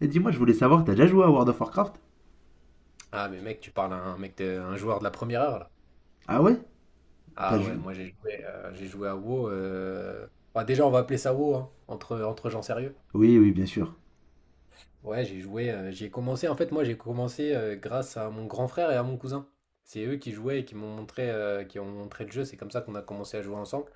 Et dis-moi, je voulais savoir, t'as déjà joué à World of Warcraft? Ah mais mec, tu parles à un mec de, un joueur de la première heure là. Ah ouais? T'as Ah ouais, joué? moi j'ai joué à WoW. Déjà on va appeler ça WoW, hein, entre gens sérieux. Oui, oui, bien sûr. Ouais, j'ai joué, j'ai commencé. En fait, moi j'ai commencé grâce à mon grand frère et à mon cousin. C'est eux qui jouaient et qui m'ont montré, qui ont montré le jeu. C'est comme ça qu'on a commencé à jouer ensemble.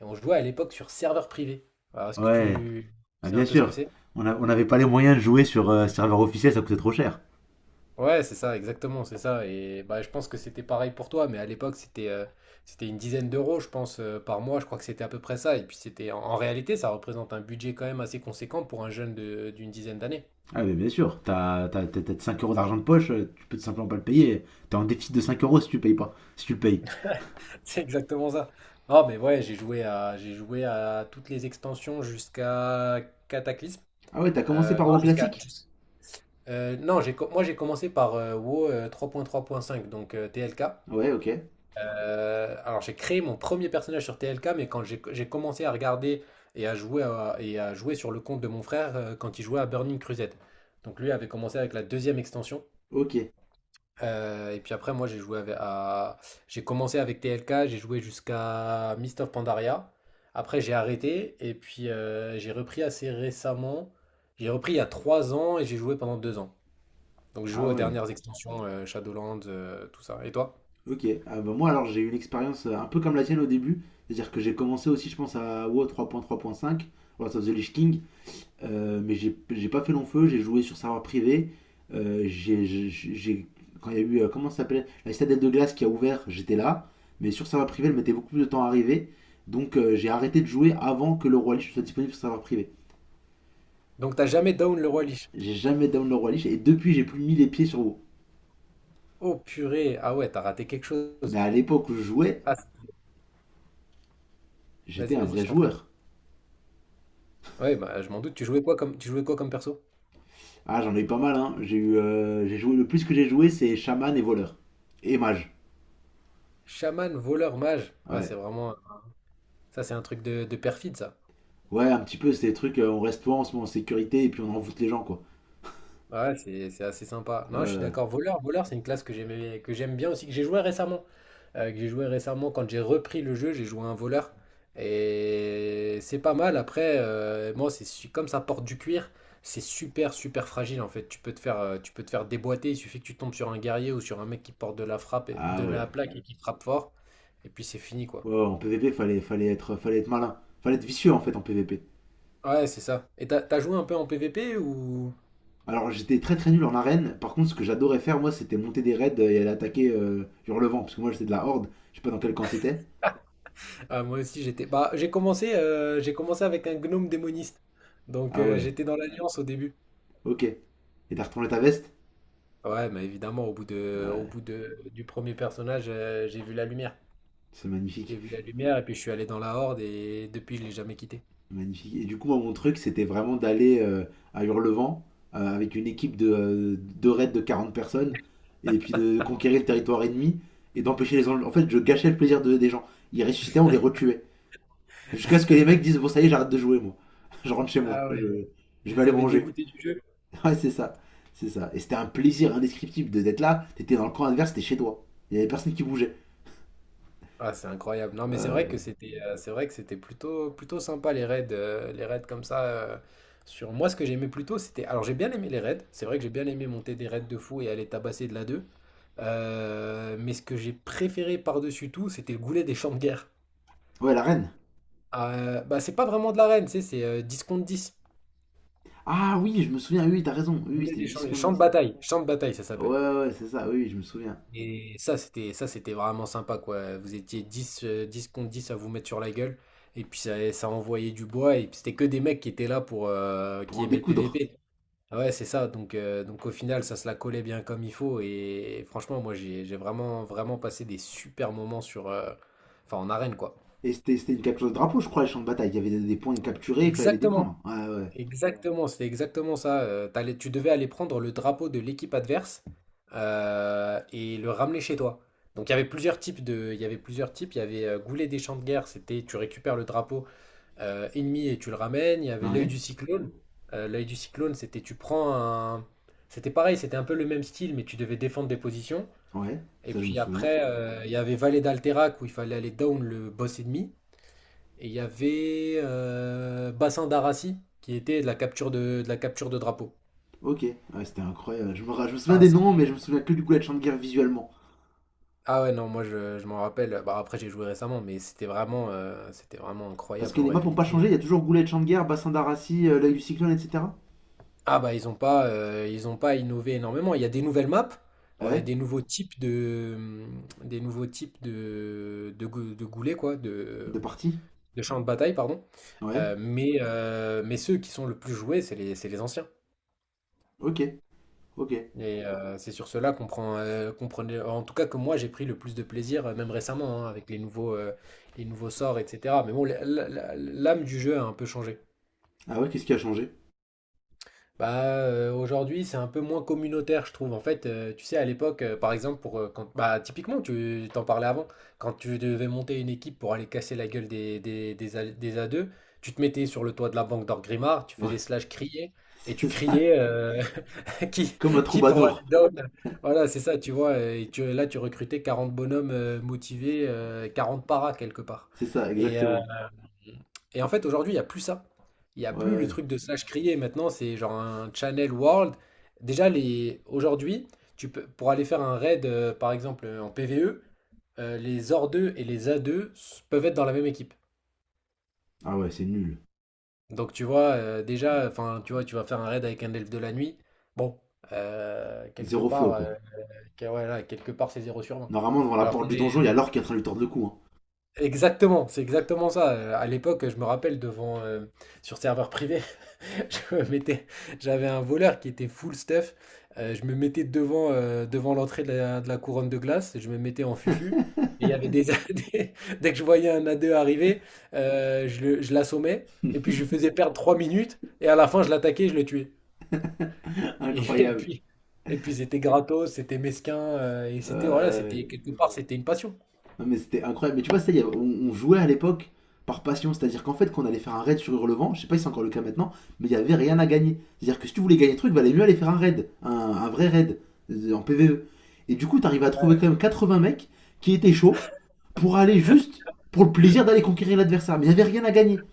Et on jouait à l'époque sur serveur privé. Alors, est-ce que Ouais, tu ah, sais un bien peu ce que sûr. c'est? On n'avait pas les moyens de jouer sur serveur officiel, ça coûtait trop cher. Ouais, c'est ça, exactement, c'est ça. Et bah, je pense que c'était pareil pour toi, mais à l'époque, c'était une dizaine d'euros, je pense, par mois. Je crois que c'était à peu près ça. Et puis, c'était en réalité, ça représente un budget quand même assez conséquent pour un d'une dizaine d'années. Ah mais bien sûr, t'as 5 € d'argent de poche, tu peux tout simplement pas le payer. T'es en déficit de 5 € si tu le payes pas, si tu le payes. C'est exactement ça. Non, mais ouais, j'ai joué à toutes les extensions jusqu'à Cataclysme. Ah ouais, t'as commencé par Non, WoW jusqu'à. classique? Jus- non, j'ai, co- Moi j'ai commencé par WoW 3.3.5, donc TLK. Ouais, ok. Alors j'ai créé mon premier personnage sur TLK, mais quand j'ai commencé à regarder et à jouer sur le compte de mon frère quand il jouait à Burning Crusade. Donc lui avait commencé avec la deuxième extension. Ok. Et puis après moi j'ai joué avec- à J'ai commencé avec TLK, j'ai joué jusqu'à Mist of Pandaria. Après j'ai arrêté et puis j'ai repris assez récemment. J'ai repris il y a 3 ans et j'ai joué pendant 2 ans. Donc j'ai joué Ah aux ouais. dernières extensions Shadowlands, tout ça. Et toi? Ok. Ah bah moi alors j'ai eu une expérience un peu comme la tienne au début. C'est-à-dire que j'ai commencé aussi je pense à WoW 3.3.5, Lords of the Lich King. Mais j'ai pas fait long feu, j'ai joué sur serveur privé. Euh, j'ai, j'ai- j'ai- Quand il y a eu, comment ça s'appelait La citadelle de glace qui a ouvert, j'étais là. Mais sur serveur privé, elle mettait beaucoup plus de temps à arriver. Donc j'ai arrêté de jouer avant que le Roi Lich soit disponible sur serveur privé. Donc t'as jamais down le roi Lich. J'ai jamais down le Roi Lich et depuis, j'ai plus mis les pieds sur vous. Oh purée, ah ouais, t'as raté quelque Mais chose. à l'époque où je jouais, Ah, j'étais vas-y, un vas-y, vrai je t'en prie. joueur. Ouais, bah je m'en doute, tu jouais quoi comme perso? Ah, j'en ai eu pas mal, hein. J'ai joué, le plus que j'ai joué, c'est chaman et voleur. Et mage. Chaman, voleur, mage. Ouais, c'est Ouais. vraiment ça, c'est un truc de perfide ça. Ouais, un petit peu, c'est des trucs, on reste toi, on se met en sécurité et puis on envoûte les gens, quoi. Ouais, c'est assez sympa. Non, je suis Euh, d'accord. Voleur, c'est une classe que j'aimais, que j'aime bien aussi, que j'ai joué récemment. Quand j'ai repris le jeu, j'ai joué à un voleur. Et c'est pas mal. Après, moi, comme ça porte du cuir, c'est super, super fragile en fait. Tu peux te faire, tu peux te faire déboîter. Il suffit que tu tombes sur un guerrier ou sur un mec qui porte Ah de ouais. la plaque et qui frappe fort. Et puis c'est fini quoi. Ouais, ouais, en PVP, fallait être malin. Fallait être vicieux en fait en PVP. Ouais, c'est ça. Et t'as joué un peu en PVP ou? Alors j'étais très très nul en arène. Par contre, ce que j'adorais faire, moi, c'était monter des raids et aller attaquer Hurlevent. Parce que moi, j'étais de la Horde. Je sais pas dans quel camp t'étais. Ah, moi aussi, j'étais. Bah, j'ai commencé avec un gnome démoniste. Donc, Ah ouais, j'étais dans l'Alliance au début. ok. Et t'as retourné ta veste. Ouais, mais évidemment, au Ouais, bout du premier personnage, j'ai vu la lumière. c'est J'ai magnifique. vu la lumière et puis je suis allé dans la Horde et depuis, je l'ai jamais quitté. Magnifique. Et du coup, moi, mon truc, c'était vraiment d'aller à Hurlevent avec une équipe de, de raids de 40 personnes. Et puis de conquérir le territoire ennemi et d'empêcher les enjeux. En fait, je gâchais le plaisir des gens. Ils ressuscitaient, on les retuait. Jusqu'à ce que les mecs disent, bon, ça y est, j'arrête de jouer, moi. Je rentre chez moi. Ah ouais, Je, ouais. Vous je vais les aller avez manger. dégoûtés du jeu? Ouais, c'est ça. C'est ça. Et c'était un plaisir indescriptible d'être là. T'étais dans le camp adverse, t'étais chez toi. Il y avait personne qui bougeait. Ah, c'est incroyable. Non, mais c'est vrai Euh, que c'est vrai que c'était plutôt plutôt sympa les raids comme ça sur moi ce que j'aimais plutôt c'était alors j'ai bien aimé les raids, c'est vrai que j'ai bien aimé monter des raids de fou et aller tabasser de la deux. Mais ce que j'ai préféré par-dessus tout, c'était le goulet des champs de guerre. Ouais, la reine. Ah, bah c'est pas vraiment de l'arène, tu sais, c'est 10 contre dix. Ah oui, je me souviens, oui, t'as raison. Oui, oui, Goulet c'était des du 10 champs, contre champs de 10. bataille, Champs de bataille ça Ouais, s'appelle. ouais, c'est ça, oui, oui, je me souviens. Et ça, c'était vraiment sympa, quoi. Vous étiez 10 10 contre 10 à vous mettre sur la gueule. Et puis ça envoyait du bois. Et puis c'était que des mecs qui étaient là pour Pour qui en aimaient le découdre. PVP. Ah ouais, c'est ça. Donc au final, ça se la collait bien comme il faut. Et, franchement, moi, j'ai vraiment, vraiment passé des super moments sur, en arène, quoi. Et c'était une capture de drapeau, je crois, les champs de bataille. Il y avait des points capturés, il fallait les Exactement. défendre. Ouais, ouais. Exactement, c'est exactement ça. Tu devais aller prendre le drapeau de l'équipe adverse et le ramener chez toi. Donc il y avait plusieurs types. Il y avait Goulet des champs de guerre, c'était tu récupères le drapeau ennemi et tu le ramènes. Il y avait l'œil Ouais, du cyclone. L'œil du cyclone, c'était pareil, c'était un peu le même style, mais tu devais défendre des positions. ouais, Et ça je me puis souviens. après, il y avait Vallée d'Alterac où il fallait aller down le boss ennemi. Et il y avait Bassin d'Arassi qui était de la capture de la capture de drapeau. Ok, ouais, c'était incroyable. Je me souviens Ah, des noms, mais je c'était... me souviens que du coup, la champ de guerre visuellement. Ah ouais, non, moi je m'en rappelle. Bah, après, j'ai joué récemment, mais c'était vraiment Parce incroyable que en les maps n'ont pas réalité. changé, il y a toujours Goulet de Champ de Guerre, Bassin d'Arassi, l'œil du cyclone, etc. Ah bah, ils ont pas innové énormément. Il y a des nouvelles maps, Ouais, des nouveaux types de goulets, de partie. de champs de bataille, pardon. Ouais, Mais ceux qui sont le plus joués, c'est les anciens. ok, ok. Et c'est sur cela qu'on prenait en tout cas, que moi j'ai pris le plus de plaisir, même récemment, hein, avec les nouveaux sorts et cetera. Mais bon, la la la l'âme du jeu a un peu changé. Ah ouais, qu'est-ce qui a changé? Bah, aujourd'hui, c'est un peu moins communautaire, je trouve. En fait, tu sais, à l'époque, par exemple, typiquement, tu t'en parlais avant, quand tu devais monter une équipe pour aller casser la gueule des A des A2, tu te mettais sur le toit de la banque d'Orgrimmar, tu Ouais, faisais slash crier et tu c'est ça. criais, heu. Qui, Comme un qui pour aller troubadour. down? Voilà, c'est ça, tu vois. Et tu recrutais 40 bonhommes motivés, 40 paras quelque part. C'est ça, Et, euh, exactement. En fait, aujourd'hui, il n'y a plus ça. Il n'y a Ouais. plus le Ouais. truc de slash crier. Maintenant, c'est genre un channel world. Déjà, les... aujourd'hui, tu peux... pour aller faire un raid, par exemple, en PvE, les or deux et les peuvent être dans la même équipe. Ah ouais, c'est nul. Donc, tu vois, tu vois, tu vas faire un raid avec un elfe de la nuit. Bon, quelque Zéro flow, part. quoi. Euh, ok, ouais, là, quelque part, c'est zéro sur 20. Normalement, devant la Alors porte qu'on du est... donjon, il y a l'or qui est en train de lui tordre le cou. Exactement, c'est exactement ça. À l'époque, je me rappelle devant sur serveur privé, je me mettais, j'avais un voleur qui était full stuff. Je me mettais devant, devant l'entrée de la couronne de glace, et je me mettais en fufu. Et Hein. il y avait des- dès que je voyais un A2 arriver, je l'assommais, et puis je lui faisais perdre 3 minutes, et à la fin, je l'attaquais, je le tuais. Et, Incroyable. Et puis c'était gratos, c'était mesquin, et Ouais, ouais. c'était voilà, Ouais. c'était quelque part, c'était une passion. Non, mais c'était incroyable. Mais tu vois, ça, on jouait à l'époque par passion. C'est-à-dire qu'en fait, quand on allait faire un raid sur Hurlevent, je sais pas si c'est encore le cas maintenant, mais il y avait rien à gagner. C'est-à-dire que si tu voulais gagner le truc, valait mieux aller faire un raid, un vrai raid en PVE. Et du coup, t'arrives à trouver Ouais. quand même 80 mecs qui étaient chauds pour aller juste pour le plaisir d'aller conquérir l'adversaire. Mais il y avait rien à gagner.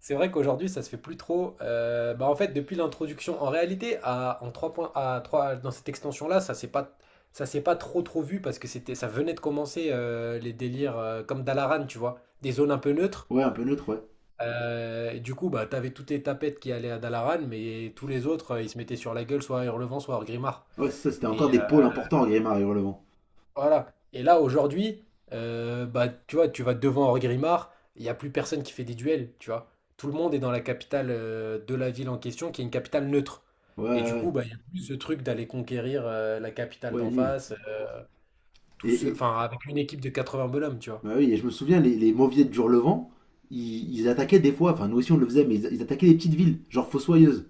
C'est vrai qu'aujourd'hui, ça se fait plus trop. Bah en fait, depuis l'introduction, en 3 points, à 3 dans cette extension-là, ça s'est pas trop trop vu parce que ça venait de commencer les délires comme Dalaran, tu vois, des zones un peu neutres. Ouais, un peu neutre, ouais. Et du coup, bah, t'avais toutes les tapettes qui allaient à Dalaran, mais tous les autres, ils se mettaient sur la gueule, soit à Hurlevent, soit à Grimard. Ouais, c'est ça, c'était Et, encore des pôles euh, importants à Grimard et Hurlevent. Voilà. Et là, aujourd'hui, bah, tu vois, tu vas devant Henri Grimard, il n'y a plus personne qui fait des duels, tu vois. Tout le monde est dans la capitale de la ville en question, qui est une capitale neutre. Ouais, ouais, Et du coup, ouais, bah, il n'y a plus ce truc d'aller conquérir la capitale Ouais, d'en nul. face, Et, et- avec une équipe de 80 bonhommes, tu vois. Bah oui, et je me souviens, les mauviettes du Levant, ils attaquaient des fois, enfin nous aussi on le faisait, mais ils attaquaient des petites villes, genre Fossoyeuse.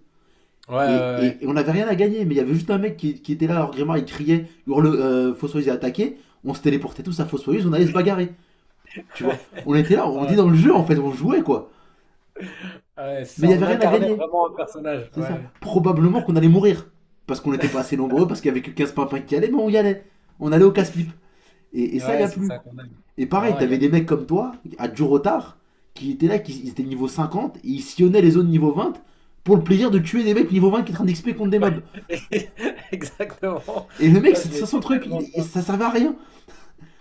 Ouais, ouais, Et on n'avait rien à gagner, mais il y avait juste un mec qui était là, hors gréement, il criait, hurle, Fossoyeuse est attaqué, on se téléportait tous à Fossoyeuse, on allait se bagarrer, tu vois. ouais. On était là, on était dans le jeu en fait, on jouait quoi. Ouais, ouais, c'est Mais il ça. y avait On rien à incarnait gagner, vraiment un personnage. c'est ça. Ouais, Probablement qu'on allait mourir, parce qu'on n'était pas assez nombreux, parce qu'il y avait que 15 pimpins qui allaient, mais on y allait. On allait au casse-pipe. Et ça, il y Ouais, a c'est plus. ça qu'on aime. Et pareil, Non, il n'y t'avais a des plus. mecs comme toi, à Jurotar, qui étaient là, qui étaient niveau 50, et ils sillonnaient les zones niveau 20 pour le plaisir de tuer des mecs niveau 20 qui étaient en train d'XP contre des mobs. Exactement. Et le mec, Ça, je c'était l'ai ça son fait truc, tellement de fois. ça servait à rien,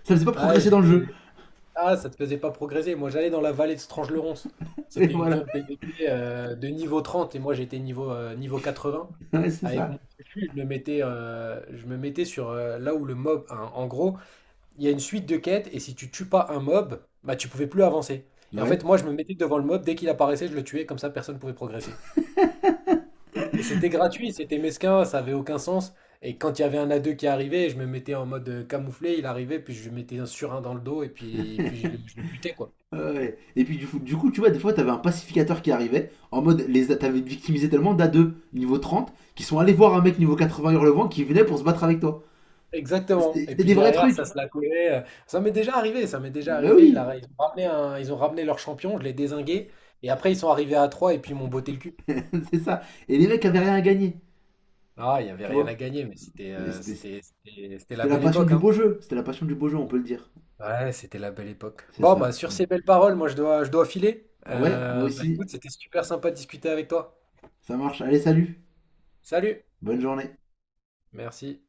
ça faisait pas Ouais, progresser j'ai dans le jeu. fait- Ah, ça te faisait pas progresser. Moi, j'allais dans la vallée de Strange-le-Ronce. Et C'était une voilà, zone PVP de niveau 30 et moi j'étais niveau, niveau 20. ouais, c'est Avec mon ça. fufu, je me mettais sur là où le mob. Hein, en gros, il y a une suite de quêtes et si tu tues pas un mob, bah tu pouvais plus avancer. Et en fait, Ouais. moi je me mettais devant le mob, dès qu'il apparaissait, je le tuais, comme ça personne pouvait progresser. Et c'était gratuit, c'était mesquin, ça avait aucun sens. Et quand il y avait un a deux qui arrivait, je me mettais en mode camouflé, il arrivait, puis je lui mettais un surin dans le dos et puis, puis je le butais quoi. Ouais. Et puis du coup, tu vois, des fois, t'avais un pacificateur qui arrivait, en mode, les t'avais victimisé tellement da deux niveau 30, qui sont allés voir un mec niveau 80 hurlevent qui venait pour se battre avec toi. Exactement. Et C'était puis des vrais derrière, ça trucs. se la collait. Ça m'est déjà arrivé, ça m'est déjà Bah arrivé. Il oui, a- ils ont ramené un- Ils ont ramené leur champion, je l'ai dézingué. Et après, ils sont arrivés à 3. Et puis ils m'ont botté le cul. c'est ça. Et les mecs avaient rien à gagner, Ah, il n'y avait tu rien à vois. gagner, mais c'était C'était c'était la c'était la belle passion époque, du hein. beau jeu. C'était la passion du beau jeu, on peut le dire. Ouais, c'était la belle époque. C'est Bon, bah ça. sur ces belles paroles, moi je dois filer. Ouais, moi Bah aussi. écoute, c'était super sympa de discuter avec toi. Ça marche. Allez, salut. Salut. Bonne journée. Merci.